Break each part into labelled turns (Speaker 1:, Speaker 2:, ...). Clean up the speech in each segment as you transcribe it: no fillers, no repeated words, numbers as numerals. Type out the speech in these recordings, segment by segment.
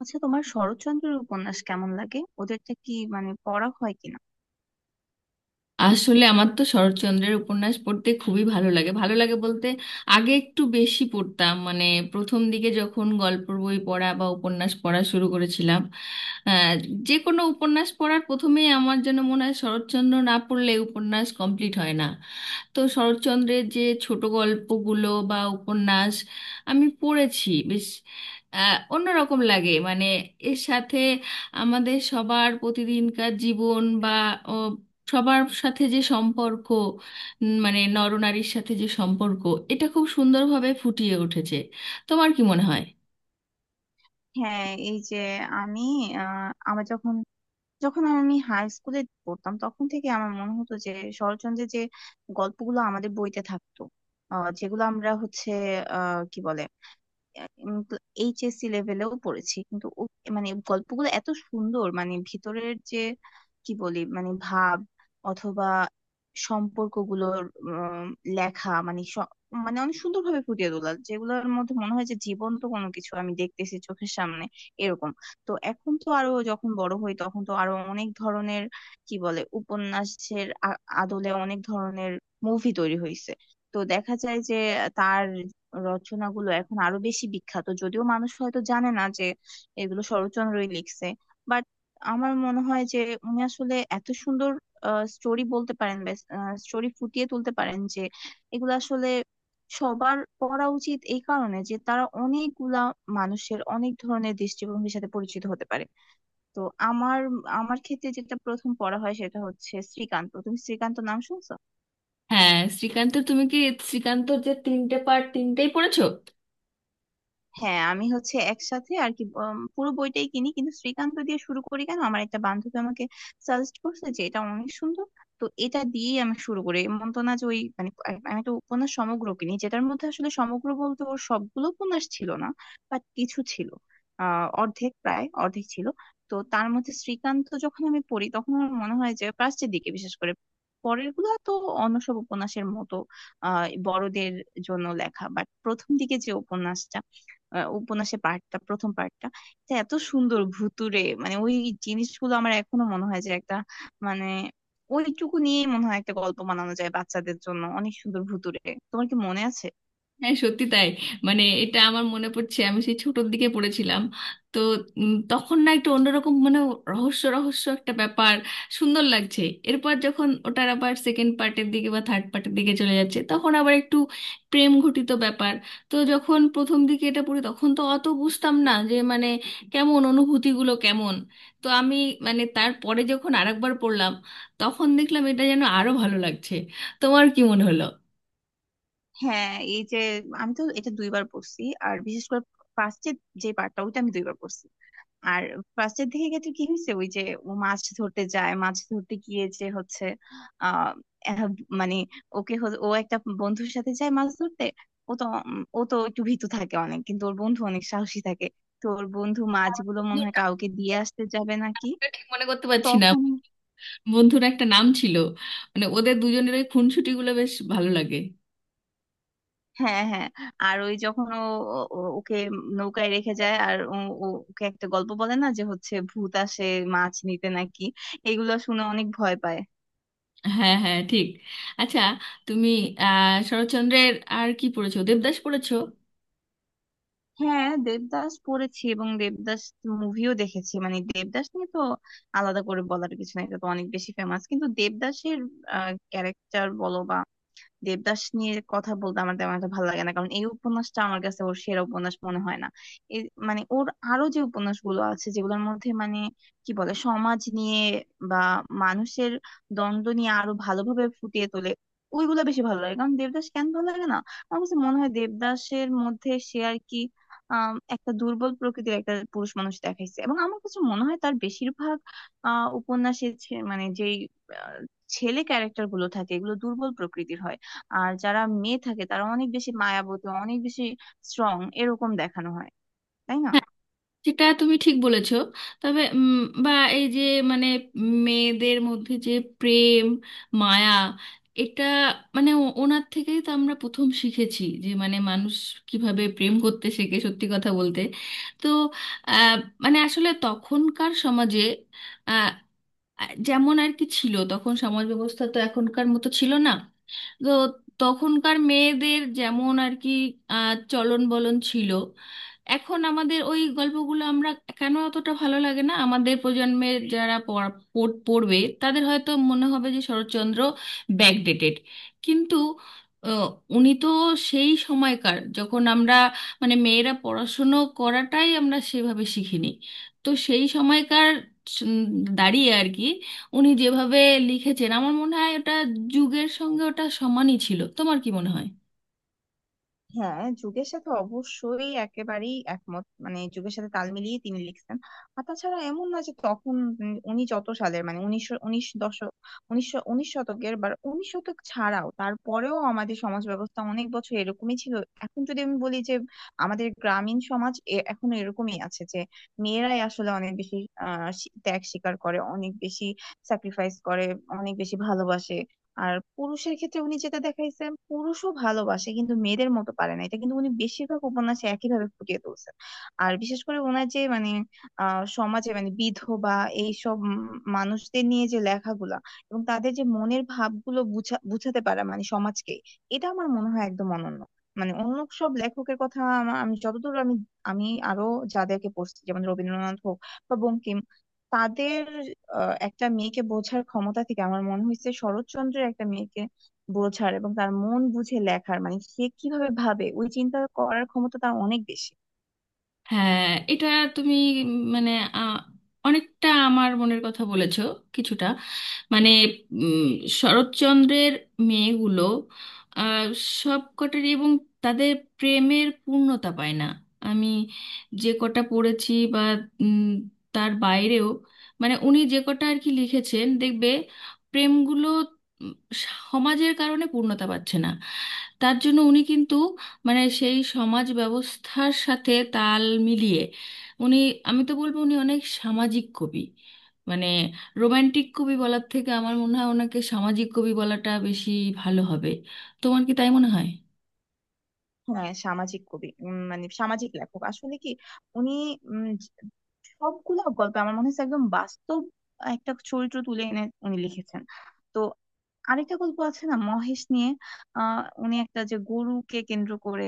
Speaker 1: আচ্ছা, তোমার শরৎচন্দ্রের উপন্যাস কেমন লাগে? ওদেরটা কি মানে পড়া হয় কিনা?
Speaker 2: আসলে আমার তো শরৎচন্দ্রের উপন্যাস পড়তে খুবই ভালো লাগে। ভালো লাগে বলতে আগে একটু বেশি পড়তাম, মানে প্রথম দিকে যখন গল্পের বই পড়া বা উপন্যাস পড়া শুরু করেছিলাম, আহ, যে কোনো উপন্যাস পড়ার প্রথমেই আমার যেন মনে হয় শরৎচন্দ্র না পড়লে উপন্যাস কমপ্লিট হয় না। তো শরৎচন্দ্রের যে ছোট গল্পগুলো বা উপন্যাস আমি পড়েছি বেশ অন্যরকম লাগে। মানে এর সাথে আমাদের সবার প্রতিদিনকার জীবন বা সবার সাথে যে সম্পর্ক, মানে নরনারীর সাথে যে সম্পর্ক, এটা খুব সুন্দরভাবে ফুটিয়ে উঠেছে। তোমার কি মনে হয়?
Speaker 1: হ্যাঁ, এই যে আমি আহ, আমার যখন যখন আমি হাই স্কুলে পড়তাম তখন থেকে আমার মনে হতো যে শরৎচন্দ্রের যে গল্পগুলো আমাদের বইতে থাকতো, যেগুলো আমরা হচ্ছে কি বলে, তো এইচএসসি লেভেলেও পড়েছি, কিন্তু ও মানে গল্পগুলো এত সুন্দর, মানে ভিতরের যে কি বলি, মানে ভাব অথবা সম্পর্কগুলোর লেখা মানে মানে অনেক সুন্দরভাবে ফুটিয়ে তোলা, যেগুলোর মধ্যে মনে হয় যে জীবন্ত কোনো কিছু আমি দেখতেছি চোখের সামনে, এরকম। তো এখন তো আরো যখন বড় হই তখন তো আরো অনেক ধরনের কি বলে উপন্যাসের আদলে অনেক ধরনের মুভি তৈরি হয়েছে। তো দেখা যায় যে তার রচনাগুলো এখন আরো বেশি বিখ্যাত, যদিও মানুষ হয়তো জানে না যে এগুলো শরৎচন্দ্রই লিখছে। বাট আমার মনে হয় যে উনি আসলে এত সুন্দর স্টোরি বলতে পারেন, স্টোরি ফুটিয়ে তুলতে পারেন, যে এগুলো আসলে সবার পড়া উচিত, এই কারণে যে তারা অনেকগুলা মানুষের অনেক ধরনের দৃষ্টিভঙ্গির সাথে পরিচিত হতে পারে। তো আমার আমার ক্ষেত্রে যেটা প্রথম পড়া হয় সেটা হচ্ছে শ্রীকান্ত। তুমি শ্রীকান্ত নাম শুনছো?
Speaker 2: হ্যাঁ, শ্রীকান্ত, তুমি কি শ্রীকান্তর যে তিনটে পার্ট তিনটেই পড়েছো?
Speaker 1: হ্যাঁ, আমি হচ্ছে একসাথে আর কি, পুরো বইটাই কিনি, কিন্তু শ্রীকান্ত দিয়ে শুরু করি কেন, আমার একটা বান্ধবী আমাকে সাজেস্ট করছে যে এটা অনেক সুন্দর। তো এটা দিয়েই আমি শুরু করি। এমন তো না যে ওই মানে আমি তো উপন্যাস সমগ্র কিনি, যেটার মধ্যে আসলে সমগ্র বলতে ওর সবগুলো উপন্যাস ছিল না, বাট কিছু ছিল, অর্ধেক, প্রায় অর্ধেক ছিল। তো তার মধ্যে শ্রীকান্ত যখন আমি পড়ি তখন আমার মনে হয় যে প্রাচ্যের দিকে বিশেষ করে পরের গুলা তো অন্য সব উপন্যাসের মতো বড়দের জন্য লেখা, বাট প্রথম দিকে যে উপন্যাসটা, উপন্যাসের পার্টটা, প্রথম পার্টটা, এটা এত সুন্দর ভুতুড়ে, মানে ওই জিনিসগুলো আমার এখনো মনে হয় যে একটা মানে ওইটুকু নিয়েই মনে হয় একটা গল্প বানানো যায় বাচ্চাদের জন্য, অনেক সুন্দর ভুতুড়ে। তোমার কি মনে আছে?
Speaker 2: হ্যাঁ সত্যি তাই। মানে এটা আমার মনে পড়ছে, আমি সেই ছোটর দিকে পড়েছিলাম। তো তখন না একটু অন্যরকম, মানে রহস্য রহস্য একটা ব্যাপার, সুন্দর লাগছে। এরপর যখন ওটার আবার সেকেন্ড পার্টের দিকে বা থার্ড পার্টের দিকে চলে যাচ্ছে তখন আবার একটু প্রেম ঘটিত ব্যাপার। তো যখন প্রথম দিকে এটা পড়ি তখন তো অত বুঝতাম না যে মানে কেমন অনুভূতিগুলো কেমন। তো আমি, মানে তারপরে যখন আরেকবার পড়লাম তখন দেখলাম এটা যেন আরো ভালো লাগছে। তোমার কি মনে হলো?
Speaker 1: হ্যাঁ, এই যে আমি তো এটা দুইবার পড়ছি, আর বিশেষ করে ফার্স্টের যে পার্টটা ওইটা আমি দুইবার পড়ছি। আর ফার্স্টের দিকে ক্ষেত্রে কি হয়েছে, ওই যে ও মাছ ধরতে যায়, মাছ ধরতে গিয়ে যে হচ্ছে আহ এহ, মানে ওকে ও একটা বন্ধুর সাথে যায় মাছ ধরতে। ও তো ও তো একটু ভীতু থাকে অনেক, কিন্তু ওর বন্ধু অনেক সাহসী থাকে। তো ওর বন্ধু মাছগুলো মনে হয় কাউকে দিয়ে আসতে যাবে নাকি
Speaker 2: ঠিক মনে করতে পারছি না।
Speaker 1: তখন।
Speaker 2: বন্ধুর একটা নাম ছিল, মানে ওদের দুজনের ওই খুনসুটি গুলো বেশ ভালো লাগে।
Speaker 1: হ্যাঁ, হ্যাঁ। আর ওই যখন ও ওকে নৌকায় রেখে যায়, আর ও ওকে একটা গল্প বলে না যে হচ্ছে ভূত আসে মাছ নিতে নাকি, এগুলো শুনে অনেক ভয় পায়।
Speaker 2: হ্যাঁ হ্যাঁ, ঠিক। আচ্ছা, তুমি শরৎচন্দ্রের আর কি পড়েছো? দেবদাস পড়েছো?
Speaker 1: হ্যাঁ, দেবদাস পড়েছি, এবং দেবদাস মুভিও দেখেছি। মানে দেবদাস নিয়ে তো আলাদা করে বলার কিছু নাই, এটা তো অনেক বেশি ফেমাস, কিন্তু দেবদাসের ক্যারেক্টার বলো বা দেবদাস নিয়ে কথা বলতে আমার তেমন একটা ভালো লাগে না, কারণ এই উপন্যাসটা আমার কাছে ওর সেরা উপন্যাস মনে হয় না। এ মানে ওর আরো যে উপন্যাসগুলো আছে, যেগুলোর মধ্যে মানে কি বলে সমাজ নিয়ে বা মানুষের দ্বন্দ্ব নিয়ে আরো ভালোভাবে ফুটিয়ে তোলে, ওইগুলো বেশি ভালো লাগে। কারণ দেবদাস কেন ভালো লাগে না, আমার কাছে মনে হয় দেবদাসের মধ্যে সে আর কি একটা দুর্বল প্রকৃতির একটা পুরুষ মানুষ দেখাইছে, এবং আমার কাছে মনে হয় তার বেশিরভাগ উপন্যাসে মানে যেই আহ, ছেলে ক্যারেক্টার গুলো থাকে এগুলো দুর্বল প্রকৃতির হয়। আর যারা মেয়ে থাকে তারা অনেক বেশি মায়াবতী, অনেক বেশি স্ট্রং, এরকম দেখানো হয়। তাই না?
Speaker 2: সেটা তুমি ঠিক বলেছো। তবে বা এই যে মানে মেয়েদের মধ্যে যে প্রেম, মায়া, এটা মানে ওনার থেকেই তো আমরা প্রথম শিখেছি যে মানে মানুষ কিভাবে প্রেম করতে শেখে, সত্যি কথা বলতে। তো আহ, মানে আসলে তখনকার সমাজে যেমন আর কি ছিল, তখন সমাজ ব্যবস্থা তো এখনকার মতো ছিল না। তো তখনকার মেয়েদের যেমন আর কি চলন বলন ছিল, এখন আমাদের ওই গল্পগুলো আমরা কেন অতটা ভালো লাগে না, আমাদের প্রজন্মের যারা পড়বে তাদের হয়তো মনে হবে যে শরৎচন্দ্র ব্যাকডেটেড। কিন্তু আহ, উনি তো সেই সময়কার যখন আমরা মানে মেয়েরা পড়াশুনো করাটাই আমরা সেভাবে শিখিনি। তো সেই সময়কার স- উম দাঁড়িয়ে আর কি উনি যেভাবে লিখেছেন, আমার মনে হয় ওটা যুগের সঙ্গে ওটা সমানই ছিল। তোমার কি মনে হয়?
Speaker 1: হ্যাঁ, যুগের সাথে অবশ্যই একেবারেই একমত, মানে যুগের সাথে তাল মিলিয়ে তিনি লিখছেন। আর তাছাড়া এমন না যে তখন উনি যত সালের, মানে উনিশশো উনিশ দশক, উনিশশো উনিশ শতকের বা উনিশ শতক ছাড়াও তারপরেও আমাদের সমাজ ব্যবস্থা অনেক বছর এরকমই ছিল। এখন যদি আমি বলি যে আমাদের গ্রামীণ সমাজ এখনো এরকমই আছে, যে মেয়েরাই আসলে অনেক বেশি ত্যাগ স্বীকার করে, অনেক বেশি স্যাক্রিফাইস করে, অনেক বেশি ভালোবাসে। আর পুরুষের ক্ষেত্রে উনি যেটা দেখাইছেন, পুরুষও ভালোবাসে কিন্তু মেয়েদের মতো পারে না, এটা কিন্তু উনি বেশিরভাগ উপন্যাসে একইভাবে ফুটিয়ে তুলছেন। আর বিশেষ করে ওনার যে মানে সমাজে, মানে বিধবা এইসব মানুষদের নিয়ে যে লেখাগুলা এবং তাদের যে মনের ভাবগুলো বুঝা, বুঝাতে পারা, মানে সমাজকে, এটা আমার মনে হয় একদম অনন্য। মানে অন্য সব লেখকের কথা, আমি যতদূর আমি আমি আরো যাদেরকে পড়ছি, যেমন রবীন্দ্রনাথ হোক বা বঙ্কিম, তাদের একটা মেয়েকে বোঝার ক্ষমতা থেকে আমার মনে হয়েছে শরৎচন্দ্রের একটা মেয়েকে বোঝার এবং তার মন বুঝে লেখার, মানে সে কিভাবে ভাবে ওই চিন্তা করার ক্ষমতা তার অনেক বেশি।
Speaker 2: হ্যাঁ এটা, তুমি মানে আ, অনেকটা আমার মনের কথা বলেছো। কিছুটা মানে উম, শরৎচন্দ্রের মেয়েগুলো আ, সব কটারই এবং তাদের প্রেমের পূর্ণতা পায় না। আমি যে কটা পড়েছি বা উম, তার বাইরেও মানে উনি যে কটা আর কি লিখেছেন দেখবে প্রেমগুলো উম, সমাজের কারণে পূর্ণতা পাচ্ছে না। তার জন্য উনি কিন্তু মানে সেই সমাজ ব্যবস্থার সাথে তাল মিলিয়ে উনি, আমি তো বলবো উনি অনেক সামাজিক কবি। মানে রোমান্টিক কবি বলার থেকে আমার মনে হয় ওনাকে সামাজিক কবি বলাটা বেশি ভালো হবে। তোমার কি তাই মনে হয়?
Speaker 1: হ্যাঁ, সামাজিক কবি, মানে সামাজিক লেখক আসলে কি, উনি সবগুলো গল্প আমার মনে হচ্ছে একদম বাস্তব একটা চরিত্র তুলে এনে উনি লিখেছেন। তো আরেকটা গল্প আছে না মহেশ নিয়ে, উনি একটা যে গরুকে কেন্দ্র করে,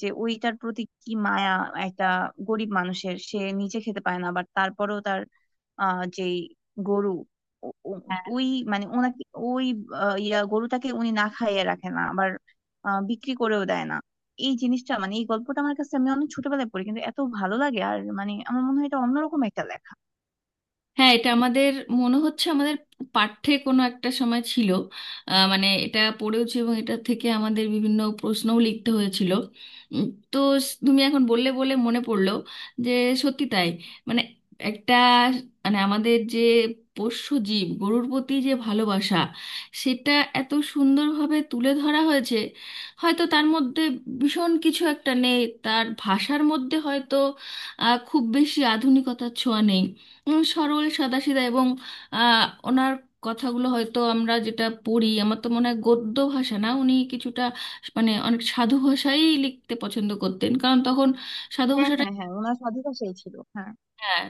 Speaker 1: যে ওইটার প্রতি কি মায়া, একটা গরিব মানুষের, সে নিজে খেতে পায় না বাট তারপরেও তার যে গরু, ও- ও- ওই মানে ওনাকে, ওই ইয়া গরুটাকে উনি না খাইয়ে রাখে না, আবার বিক্রি করেও দেয় না। এই জিনিসটা, মানে এই গল্পটা আমার কাছে, আমি অনেক ছোটবেলায় পড়ি কিন্তু এত ভালো লাগে, আর মানে আমার মনে হয় এটা অন্যরকম একটা লেখা।
Speaker 2: হ্যাঁ এটা আমাদের, মনে হচ্ছে আমাদের পাঠ্যে কোনো একটা সময় ছিল। মানে এটা পড়েওছি এবং এটা থেকে আমাদের বিভিন্ন প্রশ্নও লিখতে হয়েছিল। উম, তো তুমি এখন বললে বলে মনে পড়লো যে সত্যি তাই। মানে একটা, মানে আমাদের যে পোষ্য জীব গরুর প্রতি যে ভালোবাসা, সেটা এত সুন্দরভাবে তুলে ধরা হয়েছে। হয়তো তার মধ্যে ভীষণ কিছু একটা নেই, তার ভাষার মধ্যে হয়তো খুব বেশি আধুনিকতার ছোঁয়া নেই। সরল সাদাসিধা এবং আহ, ওনার কথাগুলো হয়তো আমরা যেটা পড়ি, আমার তো মনে হয় গদ্য ভাষা না, উনি কিছুটা মানে অনেক সাধু ভাষাই লিখতে পছন্দ করতেন, কারণ তখন সাধু
Speaker 1: হ্যাঁ,
Speaker 2: ভাষাটা।
Speaker 1: হ্যাঁ, হ্যাঁ, ওনার স্বাধীনতা সেই ছিল, হ্যাঁ।
Speaker 2: হ্যাঁ।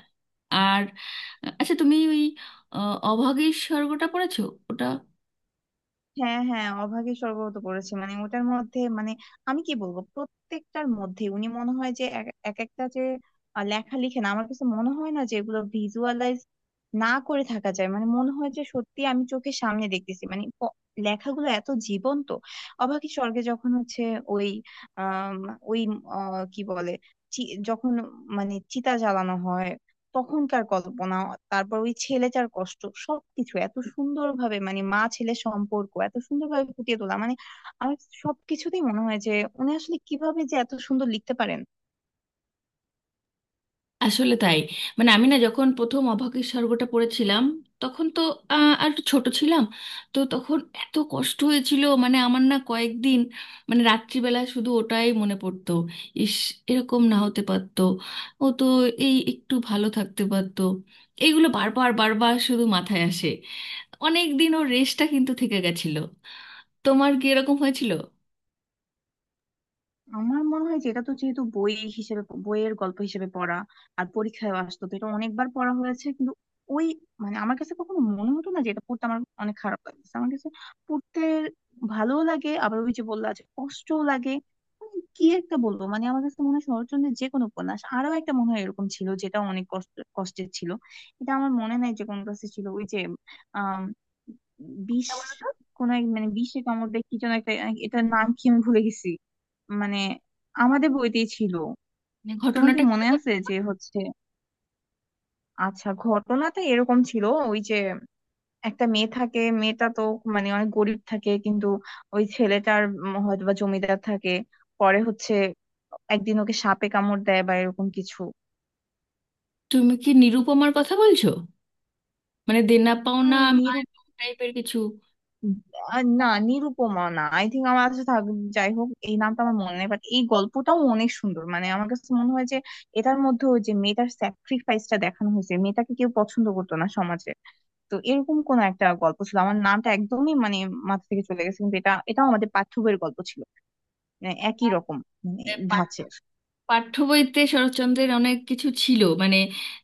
Speaker 2: আর আচ্ছা, তুমি ওই অভাগীর স্বর্গটা পড়েছো? ওটা
Speaker 1: হ্যাঁ, হ্যাঁ, অভাগী স্বর্গগত করেছে, মানে ওটার মধ্যে মানে আমি কি বলবো, প্রত্যেকটার মধ্যে উনি মনে হয় যে এক এক একটা যে লেখা লিখেন, আমার কাছে মনে হয় না যে এগুলো ভিজুয়ালাইজ না করে থাকা যায়, মানে মনে হয় যে সত্যি আমি চোখের সামনে দেখতেছি, মানে লেখাগুলো এত জীবন্ত। অভাগী স্বর্গে যখন হচ্ছে ওই আহ ওই কি বলে, যখন মানে চিতা জ্বালানো হয় তখনকার কল্পনা, তারপর ওই ছেলেটার কষ্ট, সবকিছু এত সুন্দর ভাবে, মানে মা ছেলে সম্পর্ক এত সুন্দর ভাবে ফুটিয়ে তোলা, মানে আমার সবকিছুতেই মনে হয় যে উনি আসলে কিভাবে যে এত সুন্দর লিখতে পারেন।
Speaker 2: আসলে তাই। মানে আমি না যখন প্রথম অভাগীর স্বর্গটা পড়েছিলাম তখন তো আর একটু ছোট ছিলাম। তো তখন এত কষ্ট হয়েছিল, মানে আমার না কয়েকদিন, মানে রাত্রিবেলা শুধু ওটাই মনে পড়তো। ইস, এরকম না হতে পারতো, ও তো এই একটু ভালো থাকতে পারতো, এইগুলো বারবার বারবার শুধু মাথায় আসে। অনেক দিন ওর রেশটা কিন্তু থেকে গেছিল। তোমার কি এরকম হয়েছিল?
Speaker 1: আমার মনে হয় যে এটা তো যেহেতু বই হিসেবে, বইয়ের গল্প হিসেবে পড়া আর পরীক্ষায় আসতো, তো এটা অনেকবার পড়া হয়েছে, কিন্তু ওই মানে আমার কাছে কখনো মনে হতো না যে এটা পড়তে আমার অনেক খারাপ লাগছে। আমার কাছে পড়তে ভালোও লাগে, আবার ওই যে বললা যে কষ্টও লাগে। মানে কি একটা বলবো, মানে আমার কাছে মনে হয় শরৎচন্দ্রের যে কোনো উপন্যাস, আরো একটা মনে হয় এরকম ছিল যেটা অনেক কষ্ট, কষ্টের ছিল। এটা আমার মনে নাই যে কোন কাছে ছিল, ওই যে আহ বিষ, কোন এক মানে বিষে কামড় দেয় কি যেন একটা, এটার নাম কি আমি ভুলে গেছি। মানে আমাদের বইতেই ছিল।
Speaker 2: মানে
Speaker 1: তোমার কি
Speaker 2: ঘটনাটা
Speaker 1: মনে
Speaker 2: কিরকম?
Speaker 1: আছে যে হচ্ছে। আচ্ছা, ঘটনাটা এরকম ছিল, ওই যে একটা মেয়ে থাকে, মেয়েটা তো মানে অনেক গরিব থাকে, কিন্তু ওই ছেলেটার হয়তো বা জমিদার থাকে। পরে হচ্ছে একদিন ওকে সাপে কামড় দেয় বা এরকম কিছু।
Speaker 2: তুমি কি নিরুপমার কথা বলছো, মানে দেনা পাওনা
Speaker 1: নিরু,
Speaker 2: টাইপের কিছু?
Speaker 1: না নিরুপমা না, আই থিঙ্ক আমার কাছে থাক, যাই হোক এই নামটা আমার মনে নেই, বাট এই গল্পটাও অনেক সুন্দর। মানে আমার কাছে মনে হয় যে এটার মধ্যে ওই যে মেয়েটার স্যাক্রিফাইসটা দেখানো হয়েছে, মেয়েটাকে কেউ পছন্দ করতো না সমাজে। তো এরকম কোন একটা গল্প ছিল, আমার নামটা একদমই মানে মাথা থেকে চলে গেছে, কিন্তু এটাও আমাদের পাঠ্য বইয়ের গল্প ছিল, মানে একই রকম, মানে
Speaker 2: এ পাঠ-
Speaker 1: ধাঁচের।
Speaker 2: পাঠ্য বইতে শরৎচন্দ্রের অনেক কিছু ছিল, মানে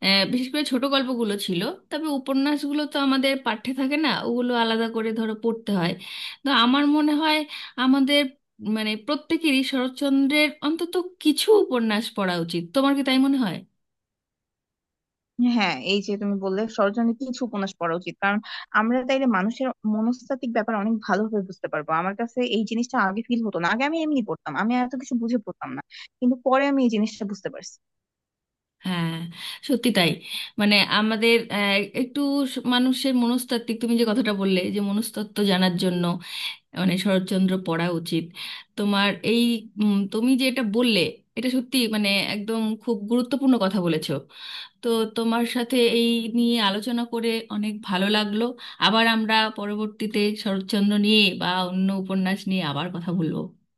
Speaker 2: বিশেষ করে ছোট গল্পগুলো ছিল। তবে উপন্যাসগুলো তো আমাদের পাঠ্যে থাকে না, ওগুলো আলাদা করে ধরো পড়তে হয়। তো আমার মনে হয় আমাদের মানে প্রত্যেকেরই শরৎচন্দ্রের অন্তত কিছু উপন্যাস পড়া উচিত। তোমার কি তাই মনে হয়?
Speaker 1: হ্যাঁ, এই যে তুমি বললে সরজনের কিছু উপন্যাস পড়া উচিত, কারণ আমরা তাইলে মানুষের মনস্তাত্ত্বিক ব্যাপার অনেক ভালোভাবে বুঝতে পারবো। আমার কাছে এই জিনিসটা আগে ফিল হতো না, আগে আমি এমনি পড়তাম, আমি এত কিছু বুঝে পড়তাম না, কিন্তু পরে আমি এই জিনিসটা বুঝতে পারছি।
Speaker 2: হ্যাঁ সত্যি তাই। মানে আমাদের একটু মানুষের মনস্তাত্ত্বিক, তুমি যে কথাটা বললে যে মনস্তত্ত্ব জানার জন্য মানে শরৎচন্দ্র পড়া উচিত, তোমার এই তুমি যেটা বললে এটা সত্যি, মানে একদম খুব গুরুত্বপূর্ণ কথা বলেছো। তো তোমার সাথে এই নিয়ে আলোচনা করে অনেক ভালো লাগলো। আবার আমরা পরবর্তীতে শরৎচন্দ্র নিয়ে বা অন্য উপন্যাস নিয়ে আবার কথা বলবো।